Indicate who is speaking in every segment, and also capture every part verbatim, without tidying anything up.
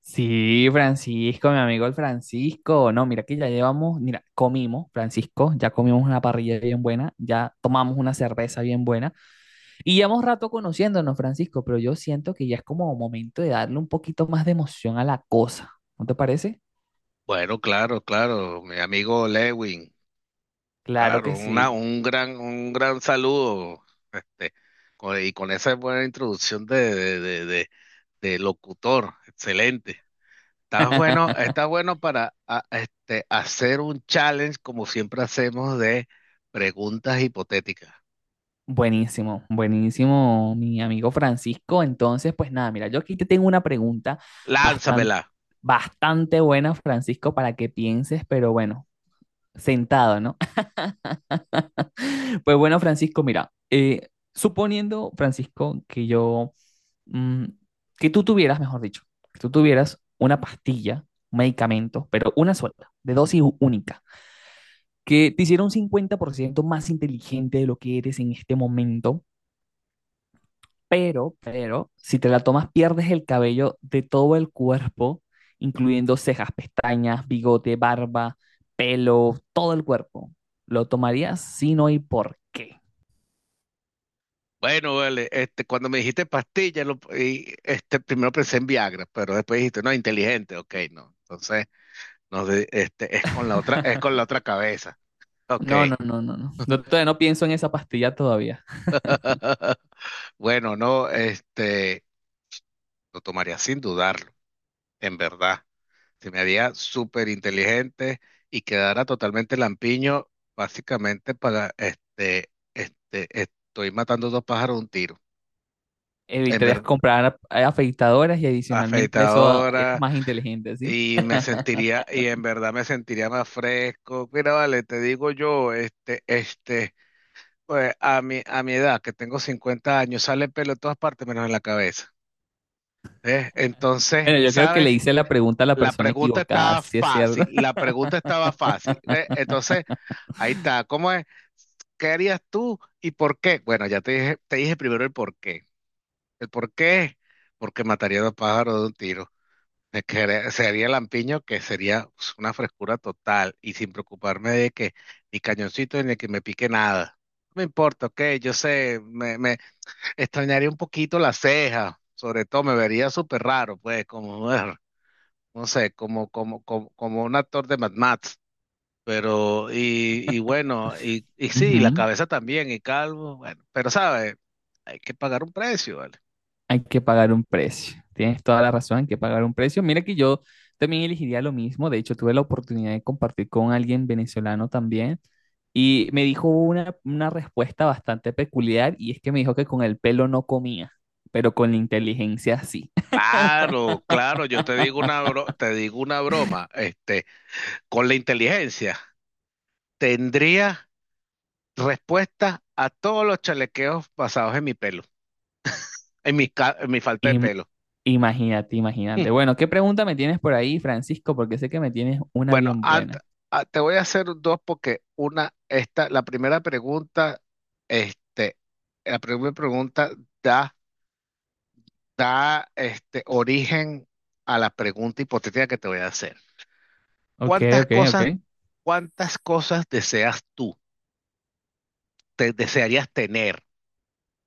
Speaker 1: Sí, Francisco, mi amigo el Francisco. No, mira que ya llevamos, mira, comimos, Francisco, ya comimos una parrilla bien buena, ya tomamos una cerveza bien buena y llevamos rato conociéndonos, Francisco, pero yo siento que ya es como momento de darle un poquito más de emoción a la cosa. ¿No te parece?
Speaker 2: Bueno, claro, claro, mi amigo Lewin,
Speaker 1: Claro
Speaker 2: claro,
Speaker 1: que
Speaker 2: una,
Speaker 1: sí.
Speaker 2: un gran, un gran saludo, este, con- y con esa buena introducción de, de, de, de- de locutor, excelente. Estás bueno, estás bueno para a- este, hacer un challenge como siempre hacemos de preguntas hipotéticas.
Speaker 1: Buenísimo, buenísimo, mi amigo Francisco. Entonces, pues nada, mira, yo aquí te tengo una pregunta bastante,
Speaker 2: Lánzamela.
Speaker 1: bastante buena, Francisco, para que pienses, pero bueno, sentado, ¿no? Pues bueno, Francisco, mira, eh, suponiendo, Francisco, que yo, mm, que tú tuvieras, mejor dicho, que tú tuvieras una pastilla, un medicamento, pero una sola, de dosis u- única, que te hiciera un cincuenta por ciento más inteligente de lo que eres en este momento, pero, pero, si te la tomas, pierdes el cabello de todo el cuerpo, incluyendo cejas, pestañas, bigote, barba, pelo, todo el cuerpo. ¿Lo tomarías? Si no, ¿y por qué?
Speaker 2: Bueno, vale, este, cuando me dijiste pastilla, lo- y, este, primero pensé en Viagra, pero después dijiste, no, inteligente, ok, no. Entonces. No sé, este, es con la otra, es con la otra cabeza. Ok.
Speaker 1: No, no, no, no, no. No, todavía no pienso en esa pastilla todavía.
Speaker 2: Bueno, no, este, lo tomaría sin dudarlo, en verdad. Se me haría súper inteligente y quedara totalmente lampiño, básicamente para, este, este, estoy matando dos pájaros de un tiro. En
Speaker 1: Evitarías
Speaker 2: verdad,
Speaker 1: comprar a- afeitadoras y adicionalmente a eso ah, eres
Speaker 2: afeitadora
Speaker 1: más inteligente, ¿sí?
Speaker 2: y me sentiría, y en verdad me sentiría más fresco. Mira, vale, te digo yo, este, este. Pues a mi, a mi edad, que tengo cincuenta años, sale pelo en todas partes menos en la cabeza. ¿Eh? Entonces,
Speaker 1: Bueno, yo creo que le
Speaker 2: ¿sabes?
Speaker 1: hice la pregunta a la
Speaker 2: La
Speaker 1: persona
Speaker 2: pregunta
Speaker 1: equivocada,
Speaker 2: estaba
Speaker 1: sí es cierto.
Speaker 2: fácil, la pregunta estaba fácil. ¿Eh? Entonces, ahí está. ¿Cómo es? ¿Qué harías tú y por qué? Bueno, ya te dije, te dije primero el por qué. El por qué es porque mataría a dos pájaros de un tiro. Me quedé- Sería lampiño que sería, pues, una frescura total y sin preocuparme de que ni cañoncito ni que me pique nada. No me importa, ok, yo sé, extrañaría un poquito las cejas, sobre todo me vería súper raro, pues, como, er, no sé, como, como, como, como un actor de Mad Max, pero, y, y bueno, y, y sí, la
Speaker 1: Ujú.
Speaker 2: cabeza también, y calvo, bueno, pero sabe, hay que pagar un precio, ¿vale?
Speaker 1: Hay que pagar un precio. Tienes toda la razón, hay que pagar un precio. Mira que yo también elegiría lo mismo. De hecho, tuve la oportunidad de compartir con alguien venezolano también y me dijo una, una respuesta bastante peculiar y es que me dijo que con el pelo no comía, pero con la inteligencia sí.
Speaker 2: Claro, claro, yo te digo una bro- te digo una broma, este, con la inteligencia. Tendría respuesta a todos los chalequeos basados en mi pelo, en mi, ca- en mi falta de
Speaker 1: Y
Speaker 2: pelo.
Speaker 1: Imagínate, imagínate.
Speaker 2: Mm.
Speaker 1: Bueno, ¿qué pregunta me tienes por ahí, Francisco? Porque sé que me tienes una
Speaker 2: Bueno,
Speaker 1: bien
Speaker 2: ant-
Speaker 1: buena.
Speaker 2: ah, te voy a hacer dos porque una, esta, la primera pregunta, este, la primera pregunta da, da, este, origen a la pregunta hipotética que te voy a hacer.
Speaker 1: Ok,
Speaker 2: ¿Cuántas
Speaker 1: ok, ok.
Speaker 2: cosas, ¿cuántas cosas deseas tú, te desearías tener?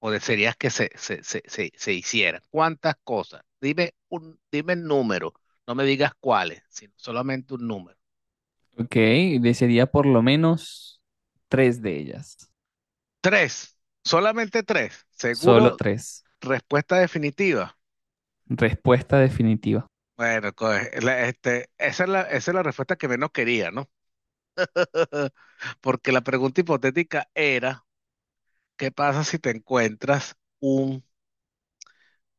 Speaker 2: O de series que se, se, se, se, se hicieran. ¿Cuántas cosas? Dime un, dime el número, no me digas cuáles, sino solamente un número.
Speaker 1: Ok, desearía por lo menos tres de ellas.
Speaker 2: Tres, solamente tres.
Speaker 1: Solo
Speaker 2: Seguro,
Speaker 1: tres.
Speaker 2: respuesta definitiva.
Speaker 1: Respuesta definitiva.
Speaker 2: Bueno, co- la- este, esa es la, esa es la respuesta que menos quería, ¿no? Porque la pregunta hipotética era, ¿qué pasa si te encuentras un,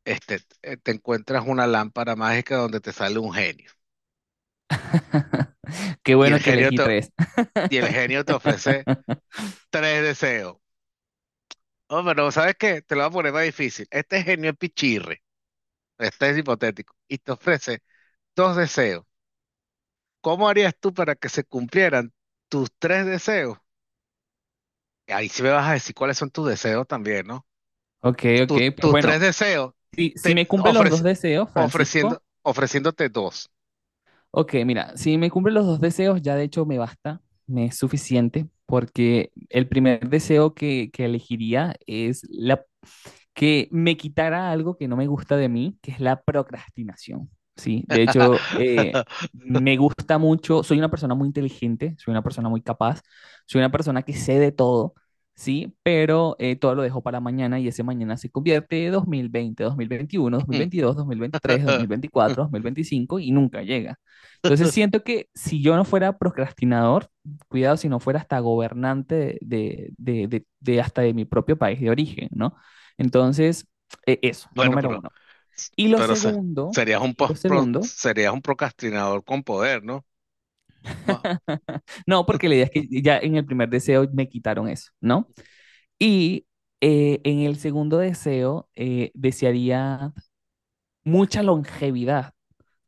Speaker 2: este, eh, te encuentras una lámpara mágica donde te sale un genio?
Speaker 1: Qué
Speaker 2: Y el
Speaker 1: bueno que
Speaker 2: genio
Speaker 1: elegí
Speaker 2: te,
Speaker 1: tres.
Speaker 2: y el genio te ofrece tres deseos. Oh, pero ¿sabes qué? Te lo voy a poner más difícil. Este genio es pichirre, este es hipotético, y te ofrece dos deseos. ¿Cómo harías tú para que se cumplieran tus tres deseos? Ahí sí me vas a decir cuáles son tus deseos también, ¿no?
Speaker 1: Ok, ok,
Speaker 2: Tus,
Speaker 1: pues
Speaker 2: tus
Speaker 1: bueno,
Speaker 2: tres deseos,
Speaker 1: si, si
Speaker 2: te
Speaker 1: me cumple los dos
Speaker 2: ofrece-
Speaker 1: deseos, Francisco,
Speaker 2: ofreciendo, ofreciéndote dos.
Speaker 1: ok, mira, si me cumple los dos deseos, ya de hecho me basta, me es suficiente, porque el primer deseo que, que elegiría es la que me quitara algo que no me gusta de mí, que es la procrastinación, ¿sí? De hecho, eh, me gusta mucho, soy una persona muy inteligente, soy una persona muy capaz, soy una persona que sé de todo, ¿sí? Pero eh, todo lo dejo para mañana y ese mañana se convierte en dos mil veinte, dos mil veintiuno, dos mil veintidós, dos mil veintitrés, dos mil veinticuatro, dos mil veinticinco y nunca llega. Entonces siento que si yo no fuera procrastinador, cuidado si no fuera hasta gobernante de, de, de, de hasta de mi propio país de origen, ¿no? Entonces, eh, eso,
Speaker 2: Bueno,
Speaker 1: número
Speaker 2: pero,
Speaker 1: uno. Y lo
Speaker 2: pero se-
Speaker 1: segundo,
Speaker 2: serías un,
Speaker 1: y lo
Speaker 2: pos- pro-
Speaker 1: segundo,
Speaker 2: serías un procrastinador con poder, ¿no? Ma-
Speaker 1: no, porque la idea es que ya en el primer deseo me quitaron eso, ¿no?
Speaker 2: Ujú.
Speaker 1: Y eh, en el segundo deseo eh, desearía mucha longevidad,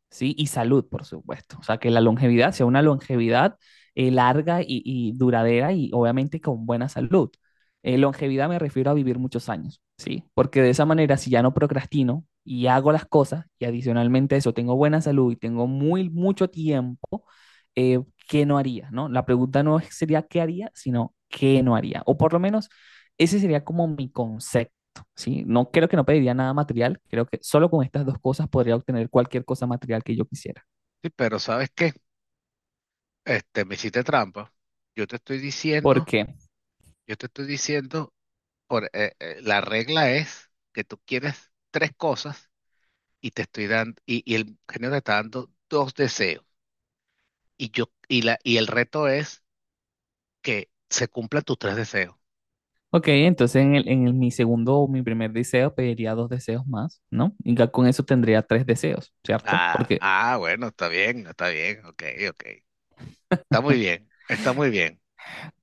Speaker 1: ¿sí? Y salud, por supuesto. O sea, que la longevidad sea una longevidad eh, larga y, y duradera y obviamente con buena salud. Eh, longevidad me refiero a vivir muchos años, ¿sí? Porque de esa manera, si ya no procrastino y hago las cosas y adicionalmente a eso tengo buena salud y tengo muy mucho tiempo, eh, qué no haría, ¿no? La pregunta no sería qué haría, sino qué no haría. O por lo menos ese sería como mi concepto, ¿sí? No creo que no pediría nada material, creo que solo con estas dos cosas podría obtener cualquier cosa material que yo quisiera.
Speaker 2: Sí, pero ¿sabes qué? Este, me hiciste trampa. Yo te estoy
Speaker 1: ¿Por
Speaker 2: diciendo,
Speaker 1: qué?
Speaker 2: yo te estoy diciendo, por, eh, eh, la regla es que tú quieres tres cosas y te estoy dando, y, y el genio te está dando dos deseos. Y yo, y la, y el reto es que se cumplan tus tres deseos.
Speaker 1: Ok, entonces en, el- en el- mi segundo o mi primer deseo pediría dos deseos más, ¿no? Y ya con eso tendría tres deseos, ¿cierto?
Speaker 2: Ah,
Speaker 1: Porque
Speaker 2: ah, bueno, está bien, está bien, ok, ok. Está muy bien, está muy bien.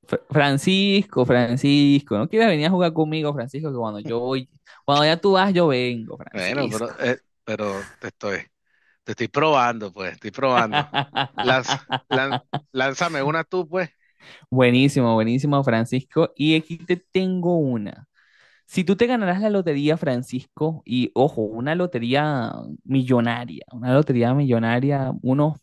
Speaker 1: Fr- Francisco, Francisco, ¿no quieres venir a jugar conmigo, Francisco? Que cuando yo voy, cuando ya tú vas, yo vengo,
Speaker 2: Bueno,
Speaker 1: Francisco.
Speaker 2: pero, eh, pero te estoy, te estoy probando, pues, estoy probando. Lanza, lan- lánzame una tú, pues.
Speaker 1: Buenísimo, buenísimo, Francisco. Y aquí te tengo una. Si tú te ganarás la lotería, Francisco, y ojo, una lotería millonaria, una lotería millonaria, unos,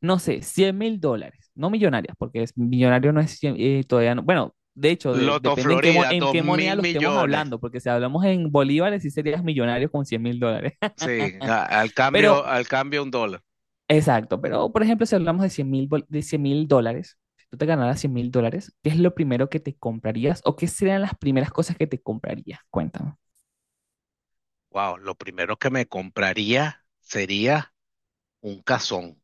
Speaker 1: no sé, cien mil dólares, no millonarias, porque es, millonario no es cien- eh, todavía no. Bueno, de hecho, de-
Speaker 2: Loto
Speaker 1: depende en qué, mo-
Speaker 2: Florida,
Speaker 1: en
Speaker 2: dos
Speaker 1: qué moneda
Speaker 2: mil
Speaker 1: lo estemos
Speaker 2: millones.
Speaker 1: hablando, porque si hablamos en bolívares, sí serías millonario con cien mil dólares.
Speaker 2: Sí, a- al
Speaker 1: Pero
Speaker 2: cambio, al cambio un dólar.
Speaker 1: exacto, pero por ejemplo, si hablamos de cien mil, de cien mil dólares, si tú te ganaras cien mil dólares, ¿qué es lo primero que te comprarías o qué serían las primeras cosas que te comprarías? Cuéntame.
Speaker 2: Wow, lo primero que me compraría sería un cazón.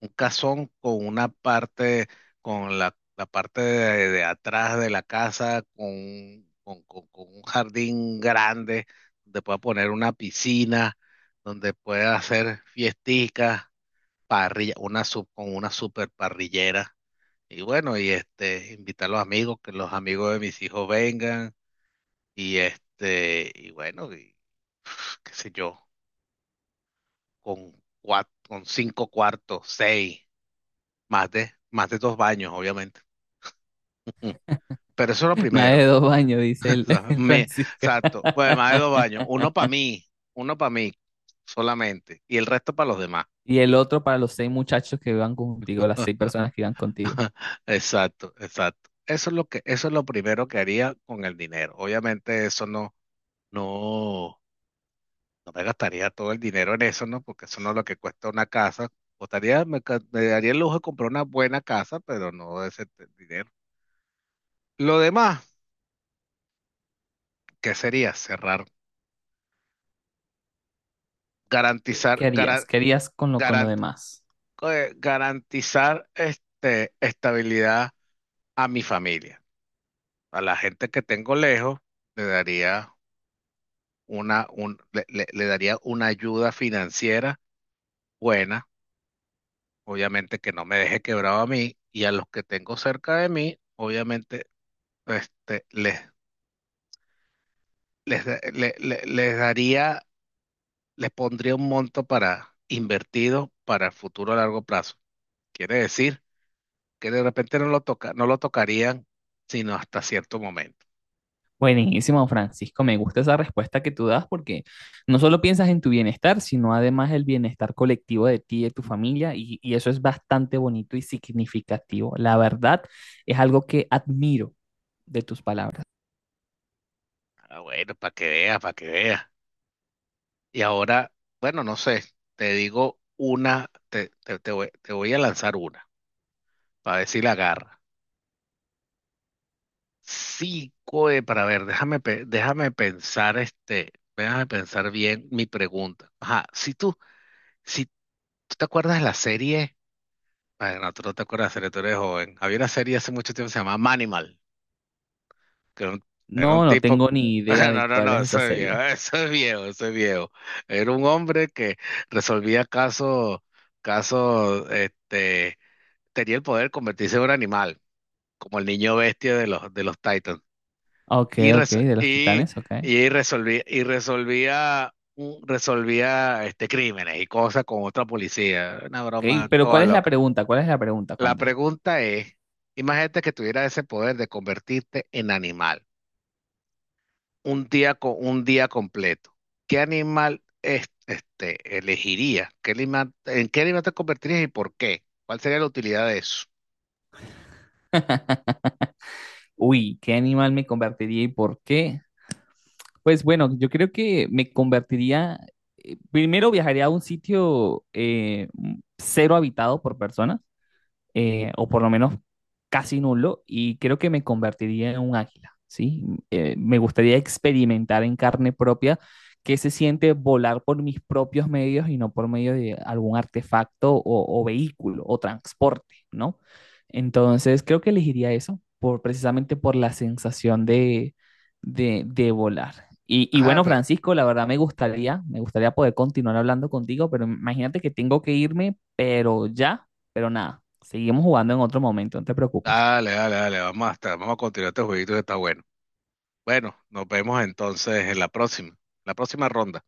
Speaker 2: Un casón con una parte, con la, la parte de, de atrás de la casa, con, un- con, con- con un jardín grande, donde pueda poner una piscina, donde pueda hacer fiesticas, parrilla, una sub, con una super parrillera. Y bueno, y este, invitar a los amigos, que los amigos de mis hijos vengan, y este, y bueno, y qué sé yo, con cuat- con cinco cuartos, seis, más de, más de dos baños, obviamente. Pero eso es lo
Speaker 1: Más
Speaker 2: primero.
Speaker 1: de dos baños, dice el,
Speaker 2: O sea,
Speaker 1: el
Speaker 2: me,
Speaker 1: Francisco.
Speaker 2: exacto. Bueno, además de dos baños. Uno para mí, uno para mí solamente. Y el resto para los demás.
Speaker 1: Y el otro para los seis muchachos que van contigo, las seis personas que van contigo.
Speaker 2: Exacto, exacto. Eso es lo que, eso es lo primero que haría con el dinero. Obviamente eso no, no, no me gastaría todo el dinero en eso, ¿no? Porque eso no es lo que cuesta una casa. Costaría, me, ca- me daría el lujo de comprar una buena casa, pero no de ese t- dinero. Lo demás, ¿qué sería? Cerrar,
Speaker 1: ¿Qué qué
Speaker 2: garantizar,
Speaker 1: harías? ¿Qué harías con lo, con lo demás?
Speaker 2: eh, garantizar este, estabilidad a mi familia. A la gente que tengo lejos, le daría una, un- le, le- le daría una ayuda financiera buena, obviamente que no me deje quebrado a mí, y a los que tengo cerca de mí, obviamente este, les, les, da- le- le- les daría, les pondría un monto para invertido para el futuro a largo plazo. Quiere decir que de repente no lo toca, no lo tocarían sino hasta cierto momento.
Speaker 1: Buenísimo, Francisco. Me gusta esa respuesta que tú das porque no solo piensas en tu bienestar, sino además el bienestar colectivo de ti y de tu familia. Y, y eso es bastante bonito y significativo. La verdad, es algo que admiro de tus palabras.
Speaker 2: Ah, bueno, para que vea, para que vea. Y ahora, bueno, no sé, te digo una, te, te- te voy, te voy a lanzar una, para ver si la agarra. Sí, coe, para ver, déjame, pe- déjame pensar, este, déjame pensar bien mi pregunta. Ajá, si tú, si tú te acuerdas de la serie, bueno, tú no te acuerdas de la serie, tú eres joven. Había una serie hace mucho tiempo que se llamaba Manimal. Que era un, era
Speaker 1: No,
Speaker 2: un
Speaker 1: no
Speaker 2: tipo,
Speaker 1: tengo ni idea de
Speaker 2: no, no,
Speaker 1: cuál
Speaker 2: no,
Speaker 1: es esa
Speaker 2: eso es
Speaker 1: serie.
Speaker 2: viejo, eso es viejo, eso es viejo. Era un hombre que resolvía casos, casos, este, tenía el poder de convertirse en un animal, como el niño bestia de los, de los Titans.
Speaker 1: Ok,
Speaker 2: Y,
Speaker 1: ok,
Speaker 2: res-
Speaker 1: de los
Speaker 2: y,
Speaker 1: Titanes, ok.
Speaker 2: y resolvía, y resolvía, un- resolvía este, crímenes y cosas con otra policía. Una
Speaker 1: Ok,
Speaker 2: broma
Speaker 1: pero ¿cuál
Speaker 2: toda
Speaker 1: es la
Speaker 2: loca.
Speaker 1: pregunta? ¿Cuál es la pregunta?
Speaker 2: La
Speaker 1: Cuenta.
Speaker 2: pregunta es, imagínate que tuviera ese poder de convertirte en animal. Un día, co- un día completo, ¿qué animal es- este, elegirías? ¿Qué animal, en qué animal te convertirías y por qué? ¿Cuál sería la utilidad de eso?
Speaker 1: Uy, ¿qué animal me convertiría y por qué? Pues bueno, yo creo que me convertiría, eh, primero viajaría a un sitio eh, m- cero habitado por personas, eh, o por lo menos casi nulo, y creo que me convertiría en un águila, ¿sí? Eh, me gustaría experimentar en carne propia qué se siente volar por mis propios medios y no por medio de algún artefacto o, o vehículo o transporte, ¿no? Entonces, creo que elegiría eso, por, precisamente por la sensación de, de, de volar. Y, y
Speaker 2: Ajá,
Speaker 1: bueno,
Speaker 2: pero
Speaker 1: Francisco, la verdad me gustaría, me gustaría poder continuar hablando contigo, pero imagínate que tengo que irme, pero ya, pero nada, seguimos jugando en otro momento, no te preocupes.
Speaker 2: dale, dale, dale, vamos a estar, vamos a continuar este jueguito que está bueno. Bueno, nos vemos entonces en la próxima, la próxima ronda.